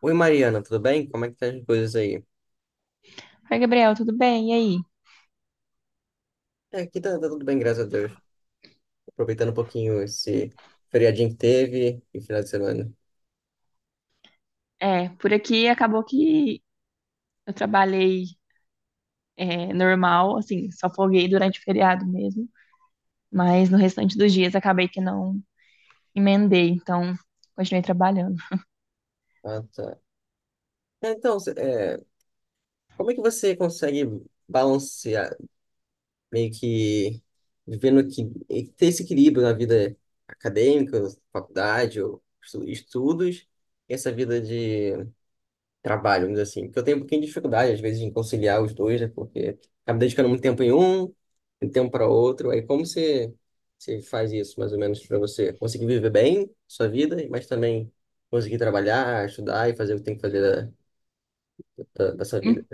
Oi, Mariana, tudo bem? Como é que tá as coisas aí? Oi, Gabriel, tudo bem? E aí? É, aqui tá tudo bem, graças a Deus. Aproveitando um pouquinho esse feriadinho que teve e final de semana. Por aqui acabou que eu trabalhei normal, assim, só folguei durante o feriado mesmo, mas no restante dos dias acabei que não emendei, então continuei trabalhando. Ah, tá. Então, como é que você consegue balancear, meio que vivendo que e ter esse equilíbrio na vida acadêmica, faculdade, ou estudos, e essa vida de trabalho, vamos dizer assim. Porque eu tenho um pouquinho de dificuldade, às vezes, em conciliar os dois, né? Porque acabo dedicando muito tempo em um, muito tempo para outro. Aí como você faz isso, mais ou menos, para você conseguir viver bem sua vida, mas também conseguir trabalhar, estudar e fazer o que tem que fazer da sua vida? En-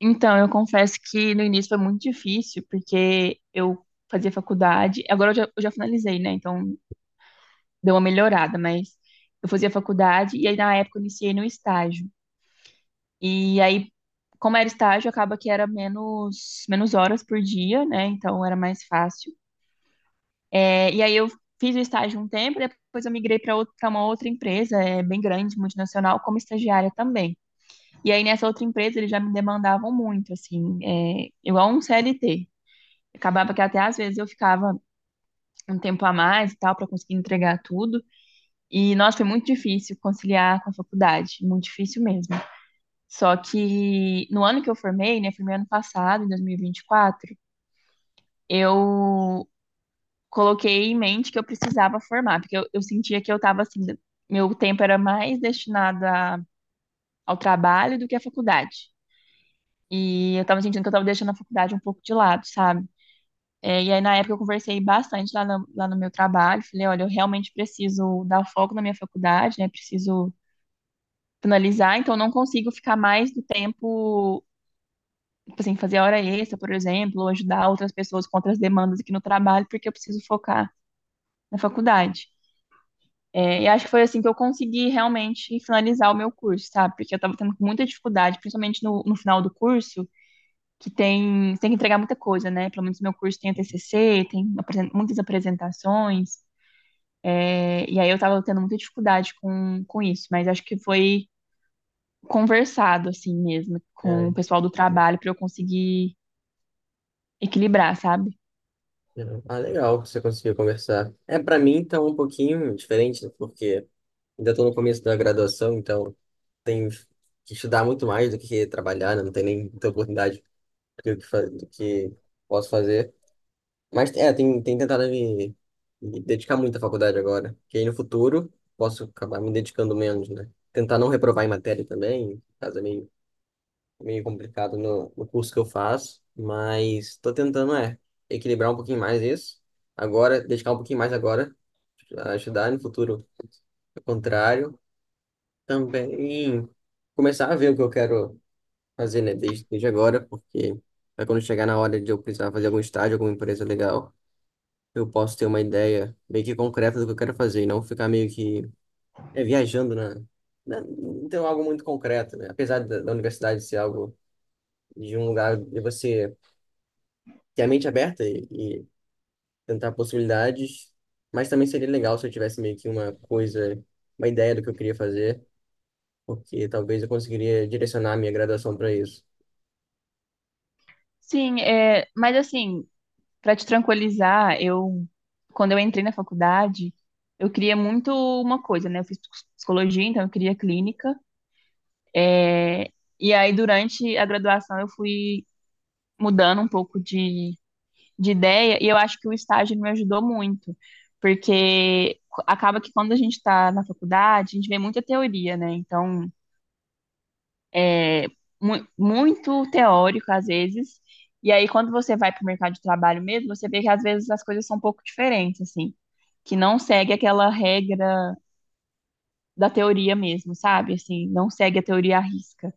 Então, eu confesso que no início foi muito difícil, porque eu fazia faculdade, agora eu já finalizei, né? Então deu uma melhorada, mas eu fazia faculdade e aí na época eu iniciei no estágio. E aí, como era estágio, acaba que era menos horas por dia, né? Então era mais fácil. E aí eu fiz o estágio um tempo, depois eu migrei para uma outra empresa, bem grande, multinacional, como estagiária também. E aí nessa outra empresa eles já me demandavam muito, assim, igual um CLT. Acabava que até às vezes eu ficava um tempo a mais e tal, para conseguir entregar tudo. E, nossa, foi muito difícil conciliar com a faculdade, muito difícil mesmo. Só que no ano que eu formei, né, formei ano passado, em dois mil e vinte e quatro, eu coloquei em mente que eu precisava formar, porque eu sentia que eu estava assim, meu tempo era mais destinado ao trabalho do que à faculdade. E eu estava sentindo que eu estava deixando a faculdade um pouco de lado, sabe? E aí, na época, eu conversei bastante lá no meu trabalho. Falei, olha, eu realmente preciso dar foco na minha faculdade, né? Preciso finalizar, então eu não consigo ficar mais do tempo tipo assim, fazer hora extra, por exemplo, ou ajudar outras pessoas com outras demandas aqui no trabalho, porque eu preciso focar na faculdade. E acho que foi assim que eu consegui realmente finalizar o meu curso, sabe? Porque eu estava tendo muita dificuldade, principalmente no final do curso, que tem, você tem que entregar muita coisa, né? Pelo menos meu curso tem a TCC, tem muitas apresentações, e aí eu estava tendo muita dificuldade com isso, mas acho que foi conversado, assim mesmo, com É, o pessoal do trabalho para eu conseguir equilibrar, sabe? entendeu? Ah, legal que você conseguiu conversar. É, para mim, tá um pouquinho diferente, né? Porque ainda estou no começo da graduação, então tenho que estudar muito mais do que trabalhar, né? Não tem nem muita oportunidade do do que posso fazer. Mas é, tem tentado me dedicar muito à faculdade agora. Que aí no futuro posso acabar me dedicando menos, né? Tentar não reprovar em matéria também, caso é meio complicado no curso que eu faço. Mas tô tentando, é, equilibrar um pouquinho mais isso. Agora, dedicar um pouquinho mais agora, a estudar no futuro. Ao contrário, também começar a ver o que eu quero fazer, né, desde agora, porque vai quando chegar na hora de eu precisar fazer algum estágio, alguma empresa legal, eu posso ter uma ideia meio que concreta do que eu quero fazer e não ficar meio que é, viajando, né, não ter algo muito concreto, né? Apesar da universidade ser algo de um lugar de você ter a mente aberta e tentar possibilidades, mas também seria legal se eu tivesse meio que uma coisa, uma ideia do que eu queria fazer, porque talvez eu conseguiria direcionar a minha graduação para isso. Sim, é, mas assim, para te tranquilizar, eu quando eu entrei na faculdade, eu queria muito uma coisa, né? Eu fiz psicologia, então eu queria clínica. É, E aí durante a graduação eu fui mudando um pouco de ideia e eu acho que o estágio me ajudou muito, porque acaba que quando a gente está na faculdade, a gente vê muita teoria, né? É, Muito teórico às vezes. E aí, quando você vai para o mercado de trabalho mesmo, você vê que às vezes as coisas são um pouco diferentes, assim, que não segue aquela regra da teoria mesmo, sabe? Assim, não segue a teoria à risca.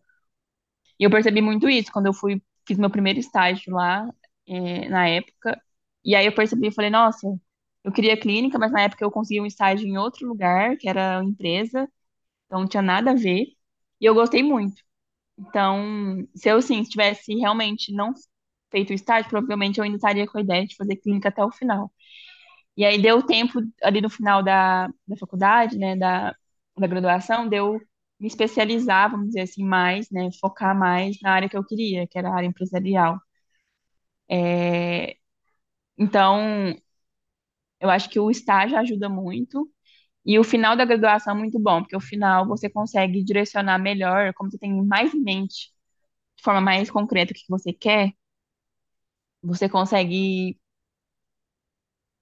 E eu percebi muito isso quando fiz meu primeiro estágio lá, na época. E aí eu percebi e falei, nossa, eu queria clínica, mas na época eu consegui um estágio em outro lugar, que era uma empresa, então não tinha nada a ver. E eu gostei muito. Então, se eu, sim, tivesse realmente não feito o estágio, provavelmente eu ainda estaria com a ideia de fazer clínica até o final. E aí deu tempo ali no final da faculdade, né, da graduação, deu me especializar, vamos dizer assim, mais, né, focar mais na área que eu queria, que era a área empresarial. É, então, eu acho que o estágio ajuda muito e o final da graduação é muito bom, porque o final você consegue direcionar melhor, como você tem mais em mente, de forma mais concreta o que você quer. Você consegue,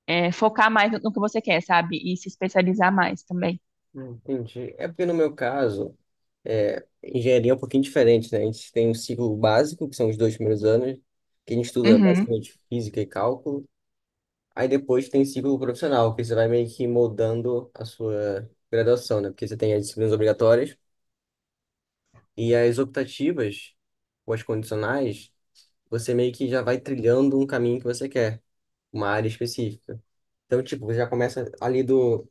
é, focar mais no que você quer, sabe? E se especializar mais também. Entendi. É porque no meu caso. É, engenharia é um pouquinho diferente, né? A gente tem um ciclo básico, que são os dois primeiros anos, que a gente estuda Uhum. basicamente física e cálculo. Aí depois tem ciclo profissional, que você vai meio que moldando a sua graduação, né? Porque você tem as disciplinas obrigatórias e as optativas, ou as condicionais, você meio que já vai trilhando um caminho que você quer, uma área específica. Então, tipo, você já começa ali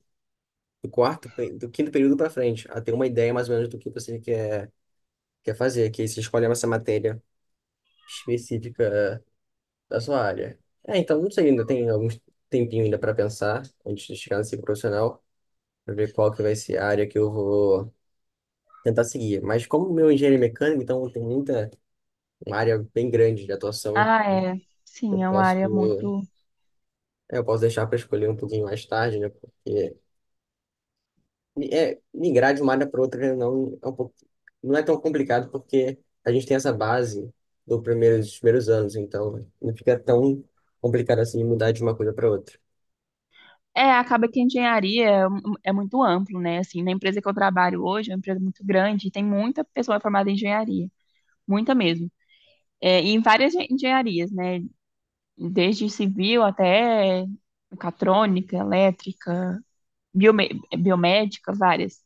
do do quinto período para frente, a ter uma ideia mais ou menos do que você quer fazer, que aí você escolhe essa matéria específica da sua área. É, então, não sei, ainda tem algum tempinho ainda para pensar antes de chegar nesse profissional, para ver qual que vai ser a área que eu vou tentar seguir. Mas como meu é engenheiro mecânico, então tem muita uma área bem grande de atuação, Ah, é. eu Sim, é uma posso área muito. Eu posso deixar para escolher um pouquinho mais tarde, né? Porque é, migrar de uma área para outra não é um pouco, não é tão complicado porque a gente tem essa base do dos primeiros anos, então não fica tão complicado assim mudar de uma coisa para outra. É, acaba que a engenharia é muito amplo, né? Assim, na empresa que eu trabalho hoje, é uma empresa muito grande, e tem muita pessoa formada em engenharia, muita mesmo. É, e em engenharias, né? Desde civil até mecatrônica, elétrica, biomédica, várias.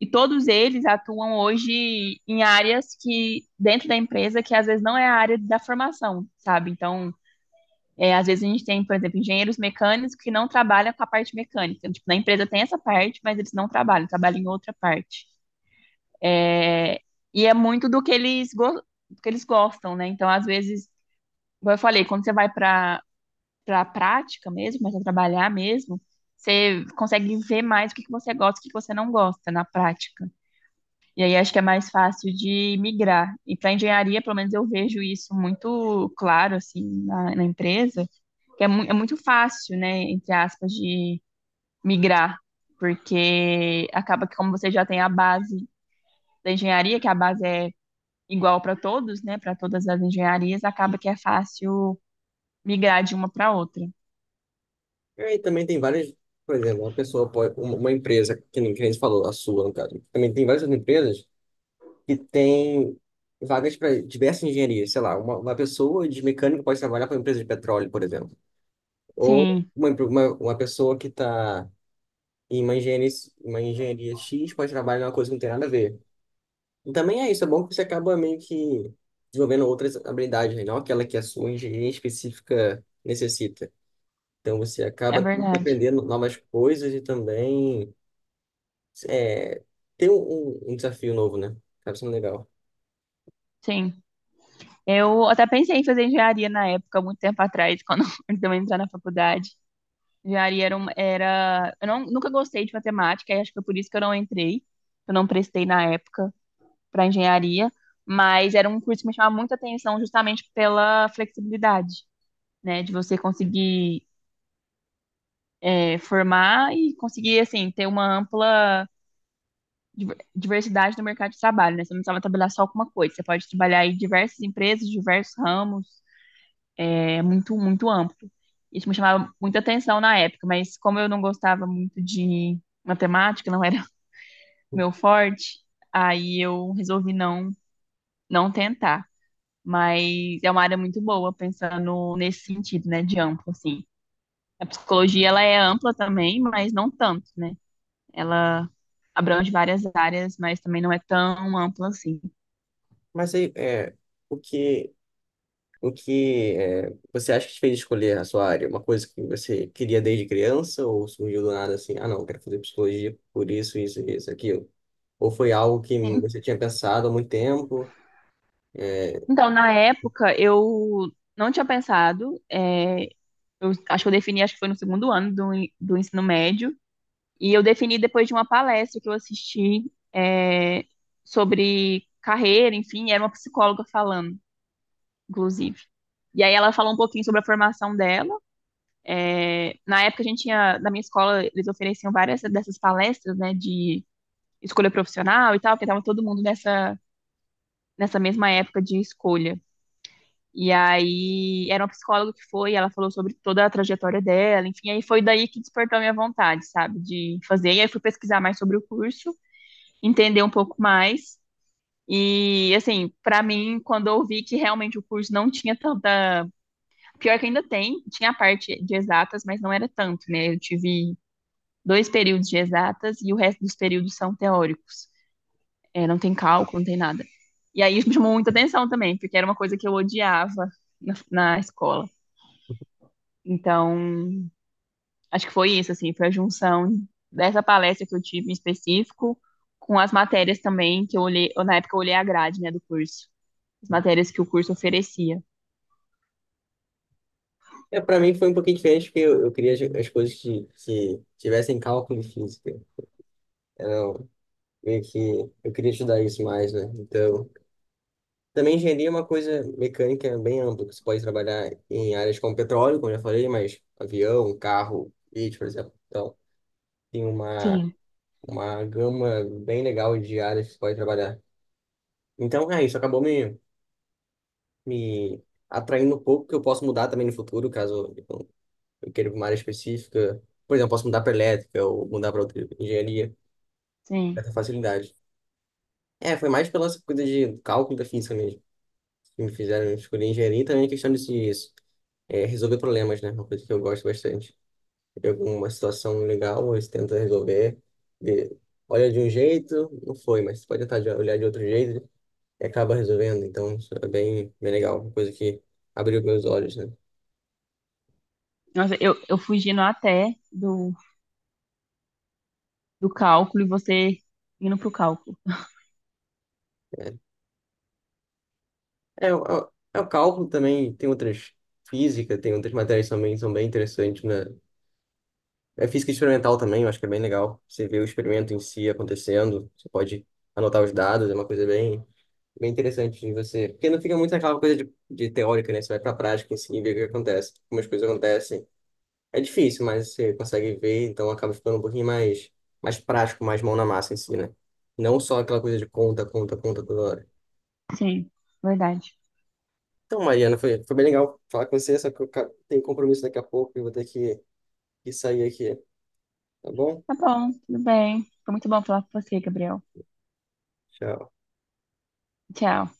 E todos eles atuam hoje em áreas que, dentro da empresa, que às vezes não é a área da formação, sabe? Então, às vezes a gente tem, por exemplo, engenheiros mecânicos que não trabalham com a parte mecânica. Tipo, na empresa tem essa parte, mas eles não trabalham em outra parte. É, e é muito do que eles, go do que eles gostam, né? Então, às vezes, como eu falei, quando você vai para a prática mesmo, começa a trabalhar mesmo, você consegue ver mais o que você gosta e o que você não gosta na prática. E aí acho que é mais fácil de migrar. E para engenharia, pelo menos eu vejo isso muito claro assim na empresa, que é, mu é muito fácil, né, entre aspas, de migrar, porque acaba que como você já tem a base da engenharia, que a base é igual para todos, né, para todas as engenharias, acaba que é fácil migrar de uma para outra. É, e também tem várias, por exemplo, uma pessoa pode, uma empresa, que nem você falou, a sua, no caso, também tem várias outras empresas que têm vagas para diversas engenharias, sei lá, uma pessoa de mecânico pode trabalhar para uma empresa de petróleo, por exemplo, ou Sim, uma pessoa que está em uma engenharia X pode trabalhar em uma coisa que não tem nada a ver. E também é isso, é bom que você acaba meio que desenvolvendo outras habilidades, né? Não aquela que a sua engenharia específica necessita. Então você é acaba verdade. aprendendo novas coisas e também é, ter um desafio novo, né? Acaba sendo legal. Sim. Eu até pensei em fazer engenharia na época, muito tempo atrás, quando antes de eu entrar na faculdade. Engenharia era, um- era... Eu nunca gostei de matemática, e acho que foi por isso que eu não entrei. Eu não prestei na época para engenharia, mas era um curso que me chamava muita atenção justamente pela flexibilidade, né? De você conseguir formar e conseguir, assim, ter uma ampla diversidade no mercado de trabalho, né? Você não precisava trabalhar só com uma coisa, você pode trabalhar em diversas empresas, diversos ramos, é muito, muito amplo. Isso me chamava muita atenção na época, mas como eu não gostava muito de matemática, não era meu forte, aí eu resolvi não tentar. Mas é uma área muito boa, pensando nesse sentido, né, de amplo, assim. A psicologia, ela é ampla também, mas não tanto, né? Ela abrange várias áreas, mas também não é tão ampla assim. Mas aí, é, o que, o você acha que te fez escolher a sua área? Uma coisa que você queria desde criança ou surgiu do nada assim, ah, não, eu quero fazer psicologia por isso, isso, isso, aquilo? Ou foi algo que você tinha pensado há muito tempo? Então, na época, eu não tinha pensado, é, eu acho que eu defini, acho que foi no segundo ano do ensino médio. E eu defini depois de uma palestra que eu assisti sobre carreira, enfim, era uma psicóloga falando, inclusive. E aí ela falou um pouquinho sobre a formação dela. É, na época a gente tinha, na minha escola, eles ofereciam várias dessas palestras, né, de escolha profissional e tal, porque estava todo mundo nessa mesma época de escolha. E aí era uma psicóloga que foi, ela falou sobre toda a trajetória dela, enfim, aí foi daí que despertou a minha vontade, sabe, de fazer. E aí fui pesquisar mais sobre o curso, entender um pouco mais. E, assim, para mim, quando eu vi que realmente o curso não tinha tanta. Pior que ainda tem, tinha a parte de exatas, mas não era tanto, né? Eu tive dois períodos de exatas e o resto dos períodos são teóricos. É, não tem cálculo, não tem nada. E aí isso me chamou muita atenção também, porque era uma coisa que eu odiava na escola. Então, acho que foi isso, assim, foi a junção dessa palestra que eu tive em específico com as matérias também que eu olhei, eu, na época eu olhei a grade, né, do curso, as matérias que o curso oferecia. É, para mim foi um pouquinho diferente porque eu queria as coisas que tivessem cálculo e física. Era meio que eu queria estudar isso mais, né? Então, também engenharia é uma coisa mecânica bem ampla, que você pode trabalhar em áreas como petróleo, como eu já falei, mas avião, carro, leite, por exemplo. Então, tem Sim, uma gama bem legal de áreas que você pode trabalhar. Então, é isso, acabou me atraindo um pouco, que eu posso mudar também no futuro, caso eu queira ir pra uma área específica. Por exemplo, posso mudar para elétrica ou mudar para outra engenharia, com sim. certa facilidade. É, foi mais pela coisa de cálculo da física mesmo, que me fizeram escolher engenharia e também questão de resolver problemas, né? Uma coisa que eu gosto bastante. Pega uma situação legal, você tenta resolver, vê- olha de um jeito, não foi, mas você pode tentar olhar de outro jeito e acaba resolvendo. Então, isso é bem legal, uma coisa que abriu meus olhos, né? Nossa, eu fugindo até do cálculo e você indo pro cálculo. É, o é o cálculo também, tem outras física, tem outras matérias também, são bem interessantes, né? É física experimental também, eu acho que é bem legal. Você vê o experimento em si acontecendo, você pode anotar os dados, é uma coisa bem, bem interessante de você. Porque não fica muito aquela coisa de teórica, né? Você vai pra prática em si e vê o que acontece. Como as coisas acontecem. É difícil, mas você consegue ver, então acaba ficando um pouquinho mais, mais prático, mais mão na massa em si, né? Não só aquela coisa de conta, conta, conta toda hora. Sim, verdade. Então, Mariana, foi bem legal falar com você, só que eu tenho compromisso daqui a pouco e vou ter que sair aqui, tá bom? Tá bom, tudo bem. Foi muito bom falar com você, Gabriel. Tchau. Tchau.